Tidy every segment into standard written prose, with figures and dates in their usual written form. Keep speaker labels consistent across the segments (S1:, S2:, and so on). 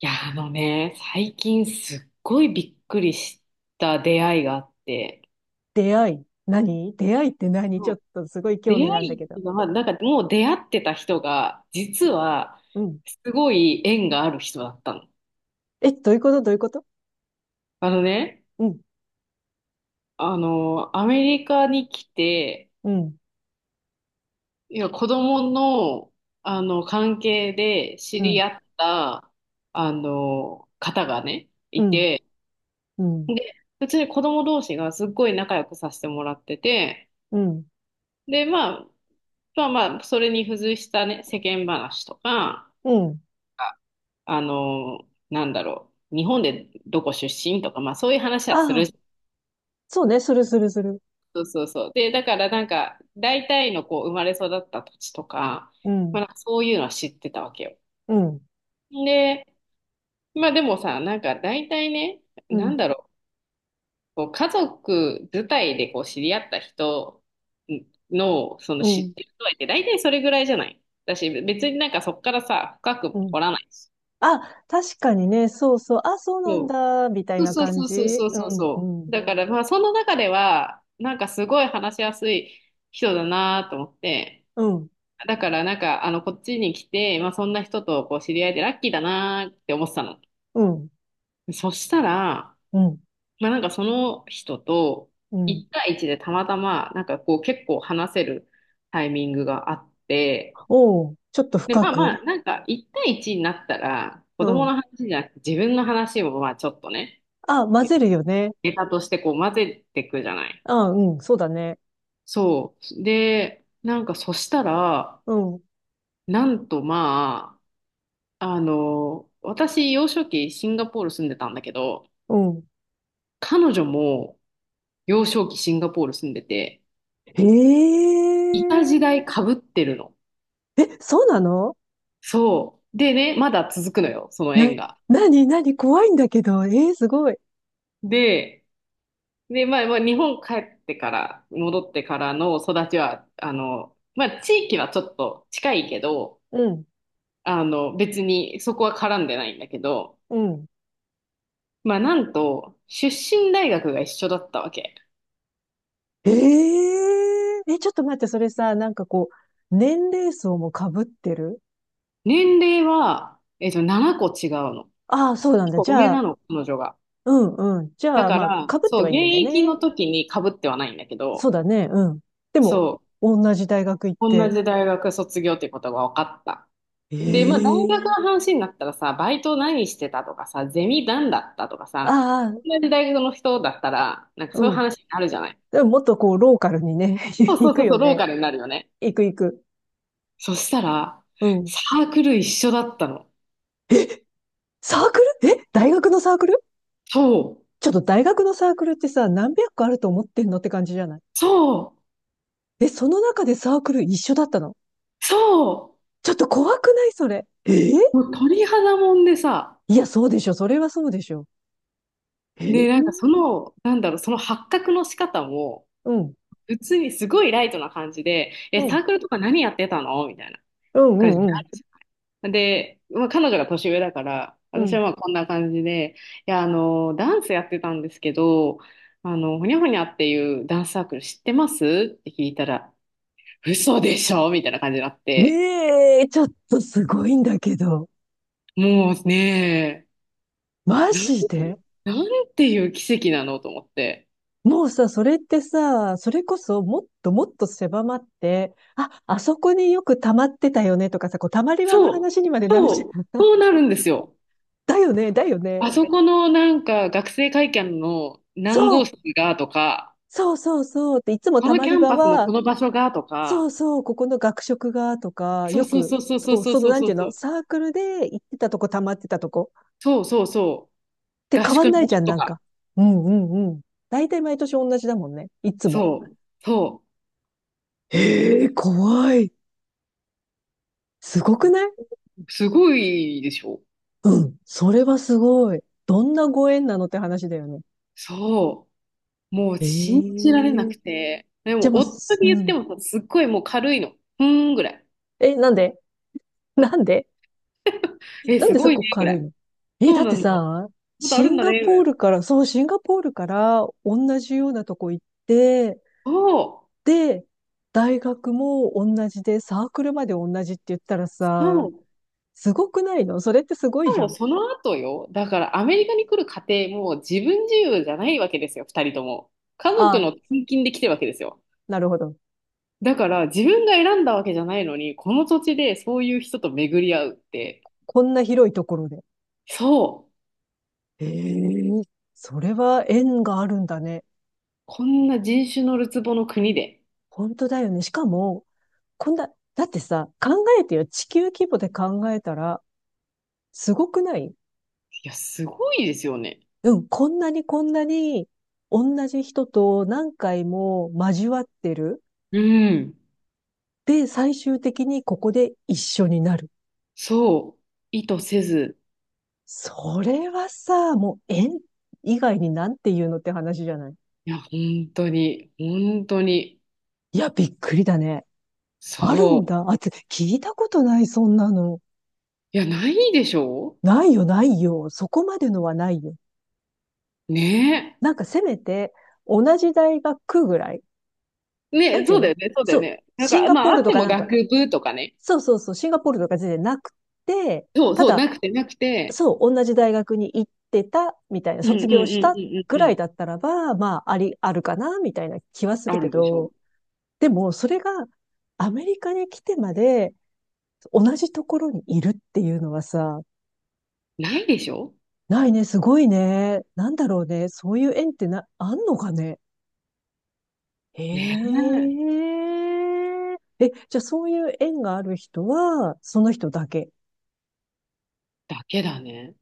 S1: いや、あのね、最近すっごいびっくりした出会いがあって、
S2: 出会い？何出会いって？何？ち
S1: う
S2: ょ
S1: ん。
S2: っとすごい
S1: 出
S2: 興味があるん
S1: 会
S2: だ
S1: いっ
S2: け
S1: て
S2: ど。
S1: いうか、まあ、なんかもう出会ってた人が、実は、
S2: うん。
S1: すごい縁がある人だったの。
S2: え、どういうこと？どういうこと？
S1: あのね、
S2: うん、
S1: アメリカに来て、
S2: うん、
S1: いや、子供の、関係で知
S2: う
S1: り
S2: ん、
S1: 合った、方がね、
S2: う
S1: い
S2: ん、
S1: て、
S2: うん、
S1: で、普通に子供同士がすっごい仲良くさせてもらってて、
S2: うん、
S1: で、まあ、まあまあ、それに付随したね、世間話とか、
S2: うん。
S1: あなんだろう、日本でどこ出身とか、まあそういう話はす
S2: あ
S1: るじ
S2: あ、
S1: ゃん。
S2: そうね、するするする。
S1: そうそうそう。で、だからなんか、大体のこう、生まれ育った土地とか、
S2: う
S1: ま
S2: ん、
S1: あなんかそういうのは知ってたわけよ。
S2: うん、
S1: で、まあでもさ、なんか大体ね、
S2: う
S1: な
S2: ん、
S1: んだろう、こう家族自体でこう知り合った人の、その
S2: う
S1: 知っ
S2: ん、
S1: てる度合いって大体それぐらいじゃないだし、別になんかそこからさ、深
S2: う
S1: く
S2: ん。
S1: 掘らないし。
S2: あ、確かにね、そうそう、あ、そうなん
S1: そ
S2: だ、みたい
S1: う。
S2: な
S1: そう
S2: 感
S1: そう
S2: じ。
S1: そうそう
S2: う
S1: そう
S2: ん、う
S1: そう。
S2: ん、
S1: だからまあその中では、なんかすごい話しやすい人だなと思って、
S2: うん、
S1: だからなんかこっちに来て、まあそんな人とこう知り合えてラッキーだなって思ってたの。
S2: うん、
S1: そしたら、
S2: うん、
S1: まあなんかその人と
S2: うん。
S1: 1対1でたまたまなんかこう結構話せるタイミングがあって、
S2: おう、ちょっと
S1: で
S2: 深
S1: まあ
S2: く。
S1: まあなんか1対1になったら子
S2: う
S1: 供の
S2: ん。
S1: 話じゃなくて自分の話もまあちょっとね、
S2: あ、混ぜるよね。
S1: ネタとしてこう混ぜていくじゃない。
S2: あ、うん、そうだね。
S1: そう。で、なんかそしたら、
S2: うん、
S1: なんとまあ、私幼少期シンガポール住んでたんだけど、
S2: うん。
S1: 彼女も幼少期シンガポール住んでて、
S2: へ
S1: いた時
S2: え。
S1: 代かぶってるの。
S2: え、そうなの？
S1: そう。でね、まだ続くのよ、その
S2: な、
S1: 縁が。
S2: なになに怖いんだけど。えー、すごい。
S1: で、で、まあ、まあ、日本帰ってから、戻ってからの育ちは、まあ、地域はちょっと近いけど、
S2: うん、
S1: 別にそこは絡んでないんだけど、
S2: うん。
S1: まあ、なんと、出身大学が一緒だったわけ。
S2: えええ、ちょっと待って、それさ、なんかこう、年齢層も被ってる？
S1: 年齢は、7個違うの。
S2: ああ、そうなん
S1: 結
S2: だ。
S1: 構
S2: じ
S1: 上
S2: ゃ
S1: な
S2: あ、
S1: の、彼女が。
S2: うんうん。じゃあ、ま
S1: ま
S2: あ、
S1: あ、
S2: 被って
S1: そう、
S2: はい
S1: 現
S2: ないんだね。
S1: 役の時に被ってはないんだけ
S2: そう
S1: ど、
S2: だね、うん。でも、
S1: そ
S2: 同じ大学行っ
S1: う、同
S2: て。
S1: じ大学卒業ってことが分かった。
S2: え
S1: で、まあ、大学の
S2: え？
S1: 話になったらさ、バイト何してたとかさ、ゼミ何だったとかさ、
S2: ああ、
S1: 同じ大学の人だったら、なんか
S2: う
S1: そういう
S2: ん。
S1: 話になるじゃない。
S2: でももっとこう、ローカルにね、
S1: そう
S2: 行
S1: そう
S2: く
S1: そうそ
S2: よ
S1: う、ロー
S2: ね。
S1: カルになるよね。
S2: 行く行く。
S1: そしたら、
S2: うん。
S1: サークル一緒だったの。
S2: え、サークル？え、大学のサークル？
S1: そう、
S2: ちょっと大学のサークルってさ、何百個あると思ってんのって感じじゃない？
S1: そう、
S2: で、その中でサークル一緒だったの。
S1: そ
S2: ちょっと怖くないそれ。えー。
S1: う。もう鳥肌もんでさ、
S2: いや、そうでしょ。それはそうでしょ。え
S1: で、なんかそ
S2: ー。
S1: の、なんだろう、その発覚の仕方も、
S2: うん、
S1: 普通にすごいライトな感じで、
S2: う
S1: え、サー
S2: ん、
S1: クルとか何やってたのみたいな
S2: うん、う
S1: 感じに
S2: ん、う
S1: な
S2: ん。
S1: る。で、まあ、彼女が年上だから、
S2: う
S1: 私は
S2: ん。
S1: まあこんな感じで、いや、ダンスやってたんですけど、ほにゃほにゃっていうダンスサークル知ってますって聞いたら、嘘でしょみたいな感じになって、
S2: ええー、ちょっとすごいんだけど。
S1: もうね、
S2: マ
S1: な、
S2: ジで？
S1: なんていう奇跡なのと思って。
S2: もうさ、それってさ、それこそもっともっと狭まって、あ、あそこによく溜まってたよねとかさ、こう溜まり場の
S1: そう、
S2: 話にまでなるじ
S1: そう、
S2: ゃん。
S1: そうなるんですよ。
S2: だよね、だよね。
S1: あそこのなんか学生会館の何
S2: そ
S1: 号
S2: う
S1: 室がとか、
S2: そうそうそうって、いつも
S1: こ
S2: た
S1: の
S2: ま
S1: キ
S2: り
S1: ャン
S2: 場
S1: パスの
S2: は、
S1: この場所がと
S2: そ
S1: か、
S2: うそう、ここの学食がとか、
S1: そう
S2: よ
S1: そう
S2: く、
S1: そうそうそう
S2: そう、
S1: そう
S2: その
S1: そう
S2: なん
S1: そ
S2: てい
S1: う。
S2: うの、サークルで行ってたとこ、たまってたとこ
S1: そうそうそう。
S2: って
S1: 合
S2: 変わ
S1: 宿
S2: ん
S1: の
S2: ない
S1: 場
S2: じゃ
S1: 所
S2: ん、
S1: と
S2: なん
S1: か。
S2: か。うんうんうん。大体毎年同じだもんね、いつも。
S1: そう、そ
S2: ええ、怖い。すごくない？
S1: う。すごいでしょ。
S2: うん、それはすごい。どんなご縁なのって話だよね。
S1: そう。もう
S2: え
S1: 信じられな
S2: え。
S1: くて。で
S2: じ
S1: も、
S2: ゃあも
S1: 夫
S2: う、
S1: に言
S2: う
S1: って
S2: ん。
S1: もさ、すっごいもう軽いの。ふーんぐらい。
S2: え、なんで？なんで？
S1: え、
S2: なん
S1: す
S2: でそ
S1: ごい
S2: こ
S1: ね、ぐら
S2: 軽い
S1: い。
S2: の？え、
S1: そう
S2: だっ
S1: な
S2: て
S1: んだ。こ
S2: さ、
S1: とあ
S2: シ
S1: るん
S2: ン
S1: だ
S2: ガ
S1: ね、ぐ
S2: ポ
S1: ら
S2: ー
S1: い。
S2: ルから、そう、シンガポールから同じようなとこ行って、
S1: そ
S2: で、大学も同じで、サークルまで同じって言ったら
S1: う、
S2: さ、
S1: そう。
S2: すごくないのそれって？すご
S1: し
S2: い
S1: か
S2: じゃ
S1: も
S2: ん。
S1: その後よ。だからアメリカに来る過程も自分自由じゃないわけですよ、二人とも。家族の
S2: ああ、
S1: 転勤で来てるわけですよ。
S2: なるほど。
S1: だから自分が選んだわけじゃないのに、この土地でそういう人と巡り合うって、
S2: こんな広いところで。
S1: そう。
S2: ええ。それは縁があるんだね。
S1: こんな人種のるつぼの国で。
S2: 本当だよね。しかも、こんな、だってさ、考えてよ。地球規模で考えたら、すごくない？
S1: いや、すごいですよね。
S2: うん、こんなにこんなに同じ人と何回も交わってる。
S1: うん。
S2: で、最終的にここで一緒になる。
S1: そう。意図せず。
S2: それはさ、もう縁以外になんて言うのって話じゃない？
S1: いや、本当に、本当に。
S2: いや、びっくりだね。ある
S1: そ
S2: ん
S1: う。
S2: だ。あ、聞いたことない、そんなの。
S1: いや、ないでしょ
S2: ないよ、ないよ。そこまでのはないよ。
S1: うね
S2: なんかせめて、同じ大学ぐらい。
S1: え。
S2: な
S1: ね
S2: ん
S1: え、
S2: ていう
S1: そうだ
S2: の？
S1: よね、そうだ
S2: そ
S1: よ
S2: う。
S1: ね。なん
S2: シン
S1: か、
S2: ガ
S1: ま
S2: ポー
S1: あ、
S2: ル
S1: あっ
S2: と
S1: て
S2: か
S1: も
S2: なんか、
S1: 学部とかね。
S2: そうそうそう、シンガポールとか全然なくて、
S1: そう
S2: た
S1: そう、なく
S2: だ、
S1: て、なくて。
S2: そう、同じ大学に行ってた、みたいな、
S1: うんうんう
S2: 卒
S1: ん
S2: 業し
S1: う
S2: た
S1: んうん
S2: ぐ
S1: う
S2: らい
S1: ん。
S2: だったらば、まあ、あるかな、みたいな気はす
S1: あ
S2: るけ
S1: るでしょ。
S2: ど、でも、それが、アメリカに来てまで、同じところにいるっていうのはさ、
S1: ないでしょ。
S2: ないね、すごいね。なんだろうね。そういう縁ってな、あんのかね。へ
S1: ねえ。
S2: え。え、じゃあそういう縁がある人は、その人だけ。
S1: だけだね。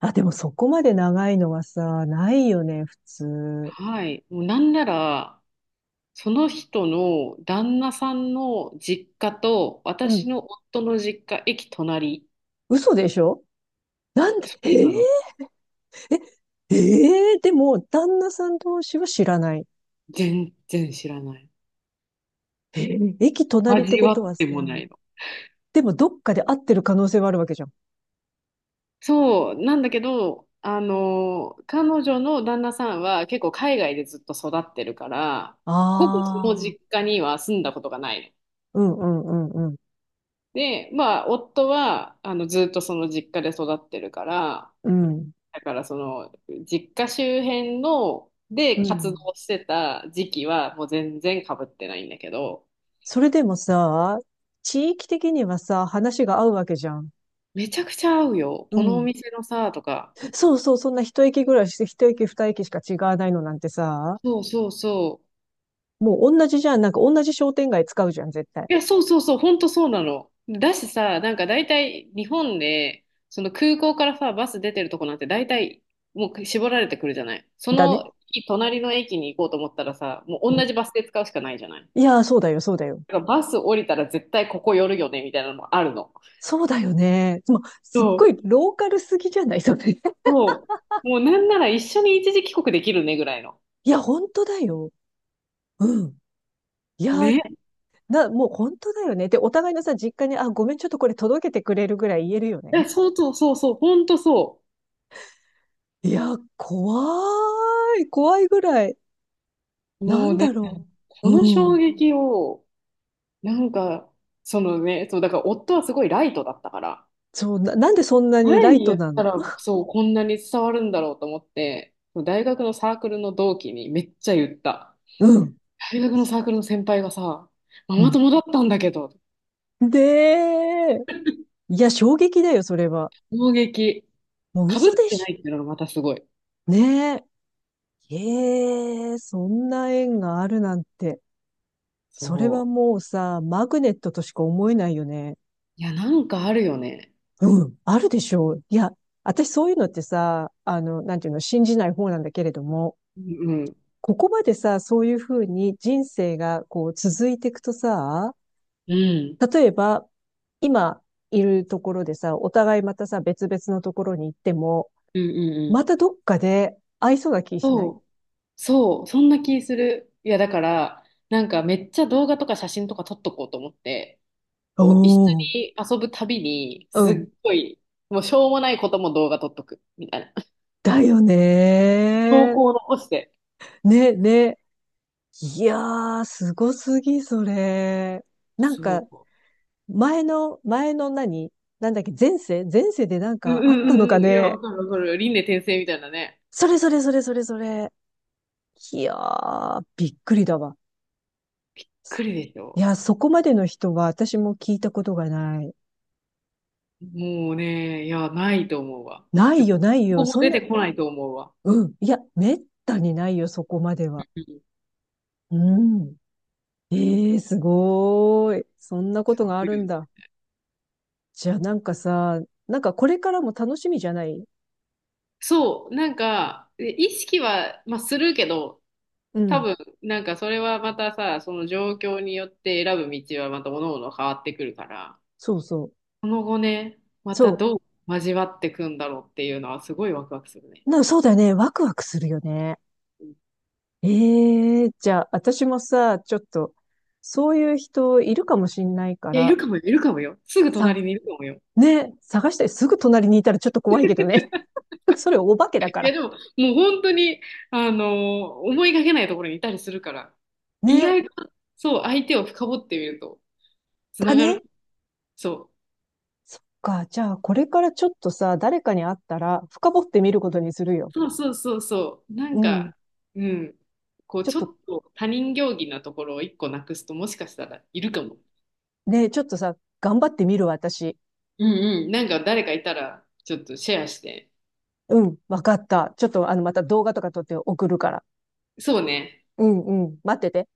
S2: あ、でもそこまで長いのはさ、ないよね、普通。
S1: はい。もうなんなら、その人の旦那さんの実家と
S2: う
S1: 私
S2: ん。
S1: の夫の実家、駅隣。
S2: 嘘でしょ？なんで、
S1: そうなの。
S2: でも、旦那さん同士は知らない。
S1: 全然知らない。
S2: えー、駅隣って
S1: 味
S2: こ
S1: わ
S2: とは
S1: っ
S2: さ、
S1: てもないの。
S2: でもどっかで会ってる可能性はあるわけじゃん。
S1: そう、なんだけど、彼女の旦那さんは結構海外でずっと育ってるから、ほぼその
S2: あ
S1: 実
S2: あ、
S1: 家には住んだことがないの。
S2: うんうんうんうん。
S1: で、まあ、夫は、ずっとその実家で育ってるから、
S2: うん。
S1: だからその実家周辺の
S2: う
S1: で活動
S2: ん。
S1: してた時期はもう全然かぶってないんだけど、
S2: それでもさ、地域的にはさ、話が合うわけじゃん。
S1: めちゃくちゃ合うよ。
S2: う
S1: このお
S2: ん。
S1: 店のさ、とか。
S2: そうそう、そんな一駅ぐらいして、一駅二駅しか違わないのなんてさ、
S1: そうそうそう。
S2: もう同じじゃん。なんか同じ商店街使うじゃん、絶対。
S1: いや、そうそうそう、ほんとそうなの。だしさ、なんか大体日本で、その空港からさ、バス出てるとこなんて大体もう絞られてくるじゃない。そ
S2: だね。
S1: の隣の駅に行こうと思ったらさ、もう
S2: う
S1: 同
S2: ん。
S1: じバスで使うしかないじゃない。
S2: いやー、そうだよ、そうだよ。
S1: だからバス降りたら絶対ここ寄るよね、みたいなのもあるの。
S2: そうだよね。もう、すっご
S1: そ
S2: い
S1: う
S2: ローカルすぎじゃないそれ。
S1: そう。もうなんなら一緒に一時帰国できるねぐらいの。
S2: いや、本当だよ。うん。いや、
S1: ね。
S2: もう本当だよね。で、お互いのさ、実家に、あ、ごめん、ちょっとこれ届けてくれるぐらい言えるよね。
S1: いや、そうそうそうそう、ほんとそ
S2: いや、怖い。怖いぐらい。
S1: う。
S2: な
S1: もう
S2: ん
S1: ね、
S2: だろう。
S1: この
S2: う
S1: 衝
S2: ん。
S1: 撃を、なんか、そのね、そう、だから夫はすごいライトだったから、
S2: そう、なんでそんなに
S1: 前
S2: ライ
S1: に
S2: ト
S1: 言っ
S2: な
S1: た
S2: の？
S1: ら、そう、こんなに伝わるんだろうと思って、大学のサークルの同期にめっちゃ言った。
S2: うん。
S1: 大学のサークルの先輩がさ、マ
S2: う
S1: マ
S2: ん。
S1: 友だったんだけど、
S2: で、いや、衝撃だよ、それは。
S1: 衝撃。
S2: もう
S1: かぶっ
S2: 嘘で
S1: てな
S2: し
S1: いっていうのがまたすごい。
S2: ょ。ねえ。ええ、そんな縁があるなんて。それは
S1: そ
S2: もうさ、マグネットとしか思えないよね。
S1: う。いや、なんかあるよね。
S2: うん、あるでしょう。いや、私そういうのってさ、なんていうの、信じない方なんだけれども、
S1: うん。
S2: ここまでさ、そういうふうに人生がこう続いていくとさ、
S1: うん。
S2: 例えば、今いるところでさ、お互いまたさ、別々のところに行っても、
S1: うんうんうん。
S2: またどっかで会いそうな気しない？
S1: そう、そう、そんな気する。いや、だから、なんかめっちゃ動画とか写真とか撮っとこうと思って、こう一緒
S2: おー、
S1: に遊ぶたびに、
S2: う
S1: す
S2: ん。
S1: っごい、もうしょうもないことも動画撮っとく、みたいな。
S2: だよ
S1: 投
S2: ね
S1: 稿を残して。
S2: ー。ね、ね。いやー、すごすぎ、それ。なんか、
S1: そう。
S2: 前の何なんだっけ、前世前世でなん
S1: うんう
S2: かあっ
S1: んう
S2: たのか
S1: んうん。いや、
S2: ね。
S1: わかるわかる。輪廻転生みたいなね。
S2: それそれそれそれそれ。いやー、びっくりだわ。
S1: 来るでし
S2: い
S1: ょ。
S2: や、そこまでの人は私も聞いたことがない。
S1: もうね、いや、ないと思うわ。
S2: な
S1: で
S2: い
S1: こ
S2: よ、ないよ。
S1: こも
S2: そん
S1: 出
S2: な、
S1: てこないと思うわ。
S2: うん。いや、めったにないよ、そこまでは。
S1: うん。
S2: うん。ええー、すごーい。そんなこ
S1: す
S2: とがあ
S1: ごい
S2: るん
S1: よね。
S2: だ。じゃあなんかさ、なんかこれからも楽しみじゃない？
S1: そう、なんか、意識は、まあ、するけど、
S2: う
S1: 多
S2: ん。
S1: 分、なんかそれはまたさ、その状況によって選ぶ道はまた各々変わってくるから、
S2: そうそう。
S1: その後ね、また
S2: そ
S1: どう交わってくんだろうっていうのはすごいワクワクするね。
S2: う。そうだよね。ワクワクするよね。
S1: うん。
S2: ええ。じゃあ、私もさ、ちょっと、そういう人いるかもしんないか
S1: いや、いる
S2: ら、
S1: かもよ、いるかもよ。すぐ隣
S2: さ、
S1: にいるかもよ。
S2: ね、探してすぐ隣にいたらちょっと怖いけどね。それお化けだ
S1: い
S2: か
S1: や、
S2: ら。
S1: でも、もう本当に、あのー思いがけないところにいたりするから、意
S2: ね、
S1: 外と、そう、相手を深掘ってみると、つ
S2: だ
S1: ながる。
S2: ね。
S1: そう。
S2: そっか。じゃあ、これからちょっとさ、誰かに会ったら、深掘ってみることにするよ。
S1: そうそうそうそう。なん
S2: うん。
S1: か、うん。こう、
S2: ちょっ
S1: ち
S2: と、
S1: ょっと他人行儀なところを一個なくすと、もしかしたらいるかも。
S2: ね、ちょっとさ、頑張ってみるわ、私。
S1: うんうん。なんか誰かいたら、ちょっとシェアして。
S2: うん、わかった。ちょっと、また動画とか撮って送るから。
S1: そうね。
S2: うん、うん、待ってて。